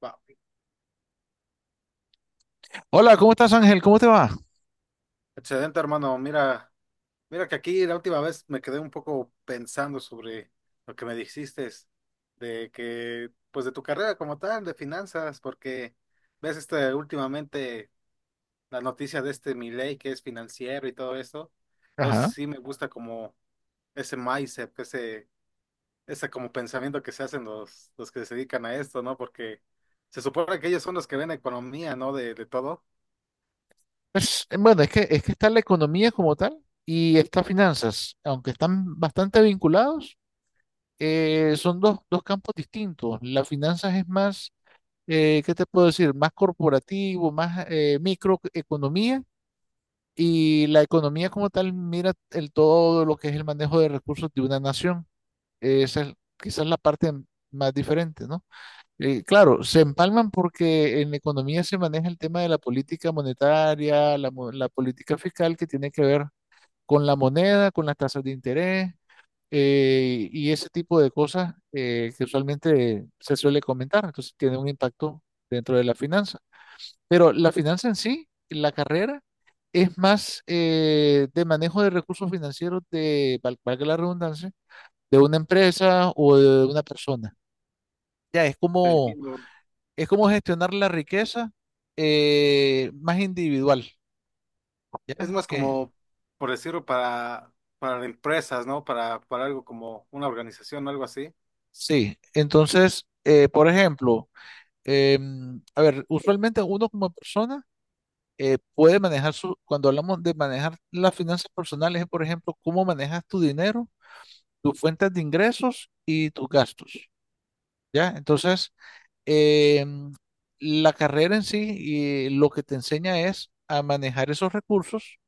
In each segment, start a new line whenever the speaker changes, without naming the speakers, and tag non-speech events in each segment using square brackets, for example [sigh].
Va,
Hola, ¿cómo estás, Ángel? ¿Cómo te va?
excelente, hermano. Mira que aquí la última vez me quedé un poco pensando sobre lo que me dijiste de que de tu carrera como tal, de finanzas, porque ves últimamente la noticia de este Milei, que es financiero y todo eso. Entonces
Ajá.
sí me gusta como ese mindset, ese como pensamiento que se hacen los que se dedican a esto, ¿no? Porque se supone que ellos son los que ven economía, ¿no? De todo.
Bueno, es que está la economía como tal y estas finanzas, aunque están bastante vinculados, son dos campos distintos. Las finanzas es más, ¿qué te puedo decir? Más corporativo, más microeconomía y la economía como tal mira el todo lo que es el manejo de recursos de una nación. Esa es quizás la parte más diferente, ¿no? Claro, se empalman porque en economía se maneja el tema de la política monetaria, la política fiscal que tiene que ver con la moneda, con las tasas de interés y ese tipo de cosas que usualmente se suele comentar. Entonces tiene un impacto dentro de la finanza. Pero la finanza en sí, la carrera, es más de manejo de recursos financieros de, valga la redundancia, de una empresa o de una persona. Ya es como
Entiendo.
es como gestionar la riqueza más individual,
Es
¿ya?
más como, por decirlo, para empresas, ¿no? Para algo como una organización o algo así.
Sí, entonces, por ejemplo, a ver, usualmente uno como persona puede manejar su, cuando hablamos de manejar las finanzas personales, es, por ejemplo, cómo manejas tu dinero, tus fuentes de ingresos y tus gastos, ¿ya? Entonces, em, la carrera en sí y lo que te enseña es a manejar esos recursos.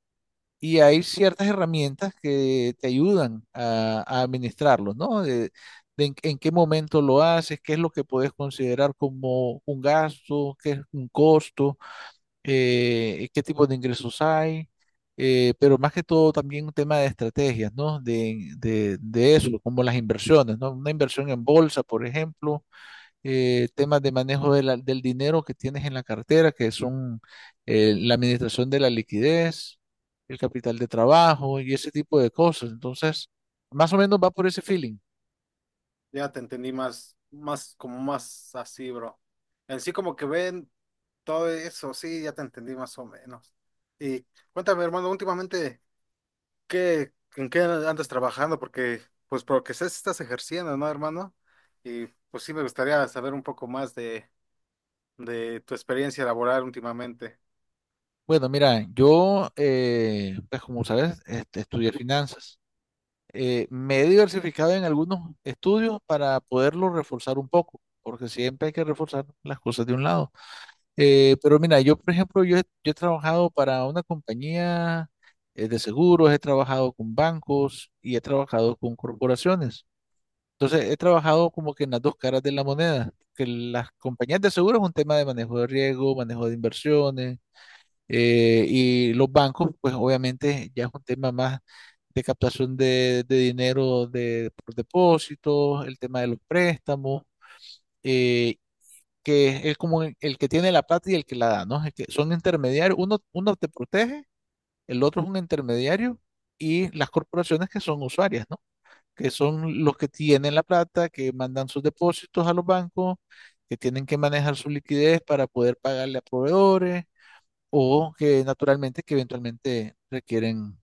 Y hay ciertas herramientas que te ayudan a administrarlo, ¿no? De en qué momento lo haces, qué es lo que puedes considerar como un gasto, qué es un costo, qué tipo de ingresos hay, pero más que todo también un tema de estrategias, ¿no? De eso, como las inversiones, ¿no? Una inversión en bolsa, por ejemplo, temas de manejo de del dinero que tienes en la cartera, que son la administración de la liquidez, el capital de trabajo y ese tipo de cosas. Entonces, más o menos va por ese feeling.
Ya te entendí más, como más así, bro. En sí como que ven todo eso, sí, ya te entendí más o menos. Y cuéntame, hermano, últimamente, ¿qué, en qué andas trabajando? Porque, pues, por lo que sé, sí estás ejerciendo, ¿no, hermano? Y pues sí me gustaría saber un poco más de tu experiencia laboral últimamente.
Bueno, mira, yo, pues como sabes, este, estudié finanzas. Me he diversificado en algunos estudios para poderlo reforzar un poco, porque siempre hay que reforzar las cosas de un lado. Pero mira, yo por ejemplo, yo he trabajado para una compañía de seguros, he trabajado con bancos y he trabajado con corporaciones. Entonces, he trabajado como que en las dos caras de la moneda, que las compañías de seguros es un tema de manejo de riesgo, manejo de inversiones, y los bancos, pues obviamente ya es un tema más de captación de dinero de, por depósitos, el tema de los préstamos. eh, que es como el que tiene la plata y el que la da, ¿no? Es que son intermediarios, uno te protege, el otro es un intermediario y las corporaciones que son usuarias, ¿no? Que son los que tienen la plata, que mandan sus depósitos a los bancos, que tienen que manejar su liquidez para poder pagarle a proveedores o que naturalmente, que eventualmente requieren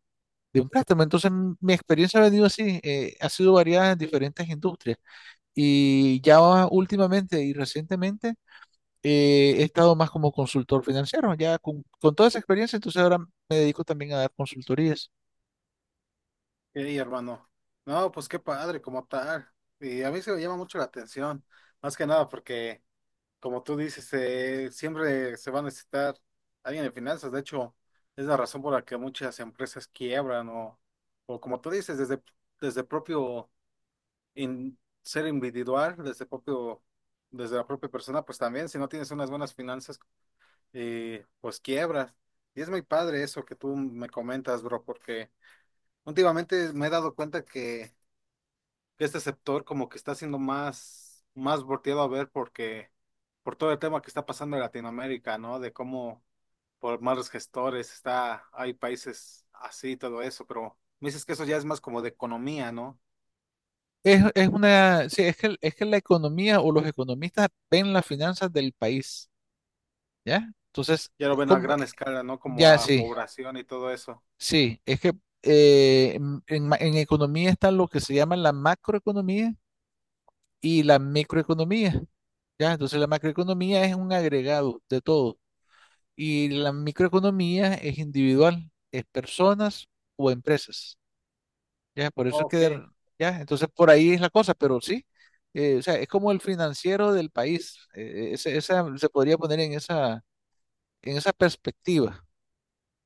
de un préstamo. Entonces, mi experiencia ha venido así, ha sido variada en diferentes industrias y ya últimamente y recientemente he estado más como consultor financiero, ya con toda esa experiencia, entonces ahora me dedico también a dar consultorías.
Ey, hermano. No, pues qué padre, como tal. Y a mí se me llama mucho la atención, más que nada porque, como tú dices, siempre se va a necesitar alguien de finanzas. De hecho, es la razón por la que muchas empresas quiebran o como tú dices, desde propio in- ser individual, desde propio, desde la propia persona, pues también, si no tienes unas buenas finanzas, pues quiebras. Y es muy padre eso que tú me comentas, bro, porque últimamente me he dado cuenta que este sector como que está siendo más volteado a ver porque por todo el tema que está pasando en Latinoamérica, ¿no? De cómo por malos gestores está, hay países así, todo eso, pero me dices que eso ya es más como de economía, ¿no?
Sí, es que la economía o los economistas ven las finanzas del país, ¿ya? Entonces,
Ya lo
es
ven a
como,
gran escala, ¿no? Como
ya
a
sí,
población y todo eso.
sí, es que en, en economía está lo que se llama la macroeconomía y la microeconomía, ¿ya? Entonces, la macroeconomía es un agregado de todo y la microeconomía es individual, es personas o empresas. Ya, por eso es que,
Ok.
ya, entonces por ahí es la cosa, pero sí, o sea, es como el financiero del país, esa, se podría poner en esa perspectiva,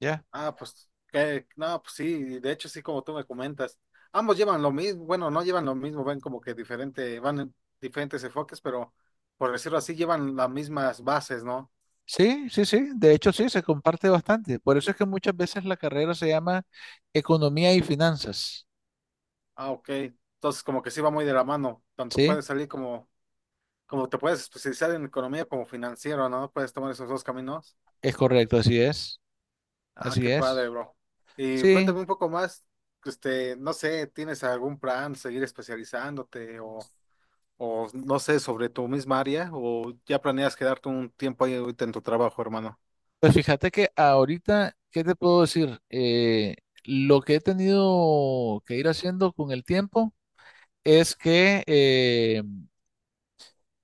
¿ya?
Ah, pues, que, no, pues sí, de hecho sí, como tú me comentas. Ambos llevan lo mismo, bueno, no llevan lo mismo, ven como que diferente, van en diferentes enfoques, pero por decirlo así, llevan las mismas bases, ¿no?
Sí, sí, sí, de hecho sí, se comparte bastante, por eso es que muchas veces la carrera se llama economía y finanzas,
Ah, ok. Entonces, como que sí va muy de la mano. Tanto
¿sí?
puedes salir como, como te puedes especializar en economía como financiero, ¿no? Puedes tomar esos dos caminos.
Es correcto,
Ah,
así
qué padre,
es,
bro. Y
sí,
cuéntame un poco más, este, no sé, ¿tienes algún plan, seguir especializándote o no sé, sobre tu misma área o ya planeas quedarte un tiempo ahí ahorita en tu trabajo, hermano?
pues fíjate que ahorita, ¿qué te puedo decir? Lo que he tenido que ir haciendo con el tiempo es que eh,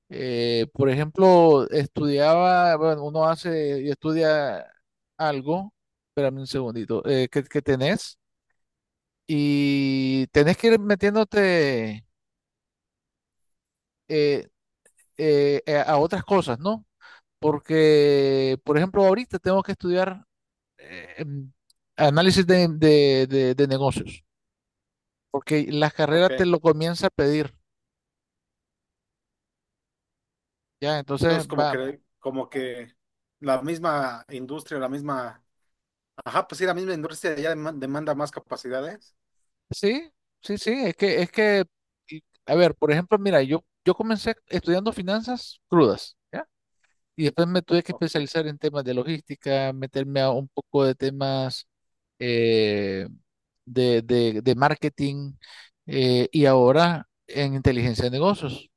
Eh, por ejemplo, estudiaba, bueno, uno hace y estudia algo, espérame un segundito, que tenés y tenés que ir metiéndote eh, a otras cosas, ¿no? Porque, por ejemplo, ahorita tengo que estudiar eh, em, análisis de negocios, porque la carrera te
Ok.
lo comienza a pedir, ¿ya? Entonces
Entonces,
va,
como que la misma industria, la misma... Ajá, pues sí, la misma industria ya demanda más capacidades.
sí, sí, sí, a ver, por ejemplo, mira, yo comencé estudiando finanzas crudas, ¿ya? Y después me tuve que
Ok.
especializar en temas de logística, meterme a un poco de temas eh, de, de marketing y ahora en inteligencia de negocios,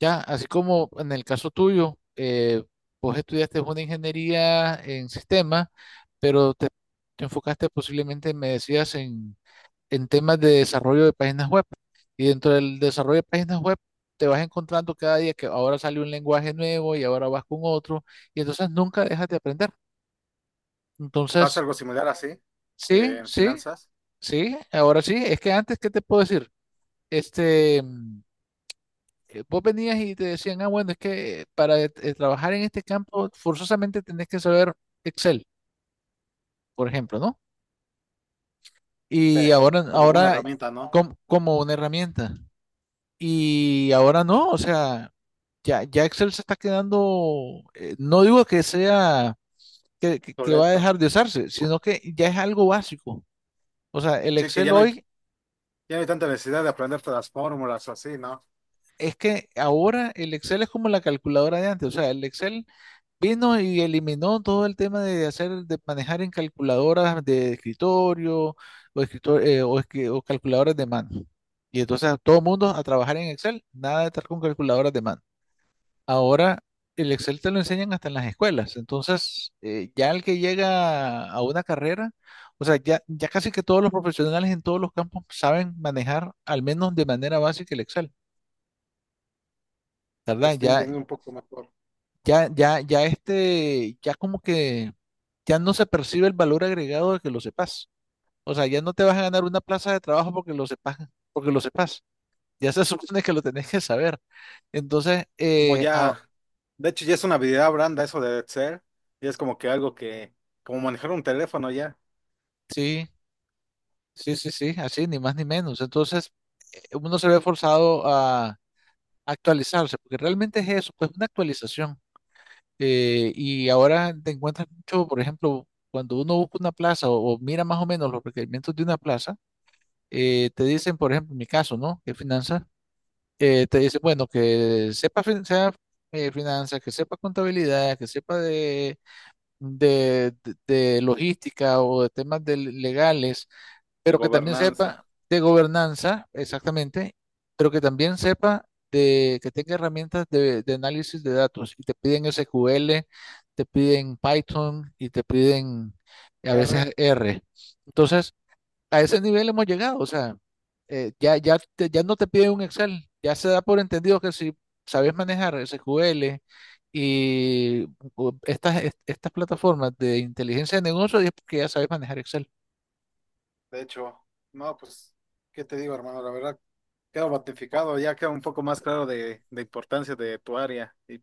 ¿ya? Así como en el caso tuyo, vos estudiaste una ingeniería en sistemas, pero te enfocaste posiblemente, me decías, en temas de desarrollo de páginas web. Y dentro del desarrollo de páginas web te vas encontrando cada día que ahora sale un lenguaje nuevo y ahora vas con otro y entonces nunca dejas de aprender.
Pasa
Entonces,
algo similar así
sí,
en
sí,
finanzas.
sí, ahora sí, es que antes, ¿qué te puedo decir? Este, vos venías y te decían, ah, bueno, es que para trabajar en este campo forzosamente tenés que saber Excel, por ejemplo, ¿no?
Sí.
Y ahora,
Como una
ahora
herramienta, ¿no?
como una herramienta. Y ahora no, o sea, ya, ya Excel se está quedando, no digo que sea, que va a
Soleto.
dejar de usarse, sino que ya es algo básico. O sea, el
Sí, que
Excel hoy
ya no hay tanta necesidad de aprender todas las fórmulas o así, ¿no?
es que ahora el Excel es como la calculadora de antes. O sea, el Excel vino y eliminó todo el tema de hacer, de manejar en calculadoras de escritorio o, escritor- o, escri- o calculadoras de mano. Y entonces a todo mundo a trabajar en Excel, nada de estar con calculadoras de mano. Ahora el Excel te lo enseñan hasta en las escuelas. Entonces, ya el que llega a una carrera, o sea, casi que todos los profesionales en todos los campos saben manejar al menos de manera básica el Excel,
Te
¿verdad?
estoy
Ya,
entendiendo un poco mejor.
ya este, ya como que ya no se percibe el valor agregado de que lo sepas. O sea, ya no te vas a ganar una plaza de trabajo porque lo sepas, porque lo sepas. Ya se [laughs] supone que lo tenés que saber. Entonces,
Como ya, de hecho ya es una habilidad blanda eso de Excel. Y es como que algo que, como manejar un teléfono ya.
sí, sí, sí, sí, así, ni más ni menos. Entonces, uno se ve forzado a actualizarse, porque realmente es eso, pues una actualización. Y ahora te encuentras mucho, por ejemplo, cuando uno busca una plaza o mira más o menos los requerimientos de una plaza, te dicen, por ejemplo, en mi caso, ¿no? Que finanzas, te dicen, bueno, sea, finanzas, que sepa contabilidad, que sepa de, de logística o de temas de legales,
De
pero que también sepa
gobernanza.
de gobernanza, exactamente, pero que también sepa de que tenga herramientas de análisis de datos. Y te piden SQL, te piden Python y te piden a veces
R.
R. Entonces, a ese nivel hemos llegado. O sea, ya no te piden un Excel. Ya se da por entendido que si sabes manejar SQL y estas plataformas de inteligencia de negocios, es porque ya sabes manejar Excel.
De hecho, no, pues, ¿qué te digo, hermano? La verdad, quedo batificado, ya queda un poco más claro de importancia de tu área. Y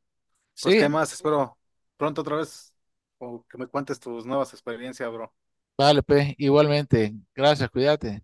pues,
Sí.
¿qué más? Espero pronto otra vez o que me cuentes tus nuevas experiencias, bro.
Vale, pues, igualmente. Gracias, cuídate.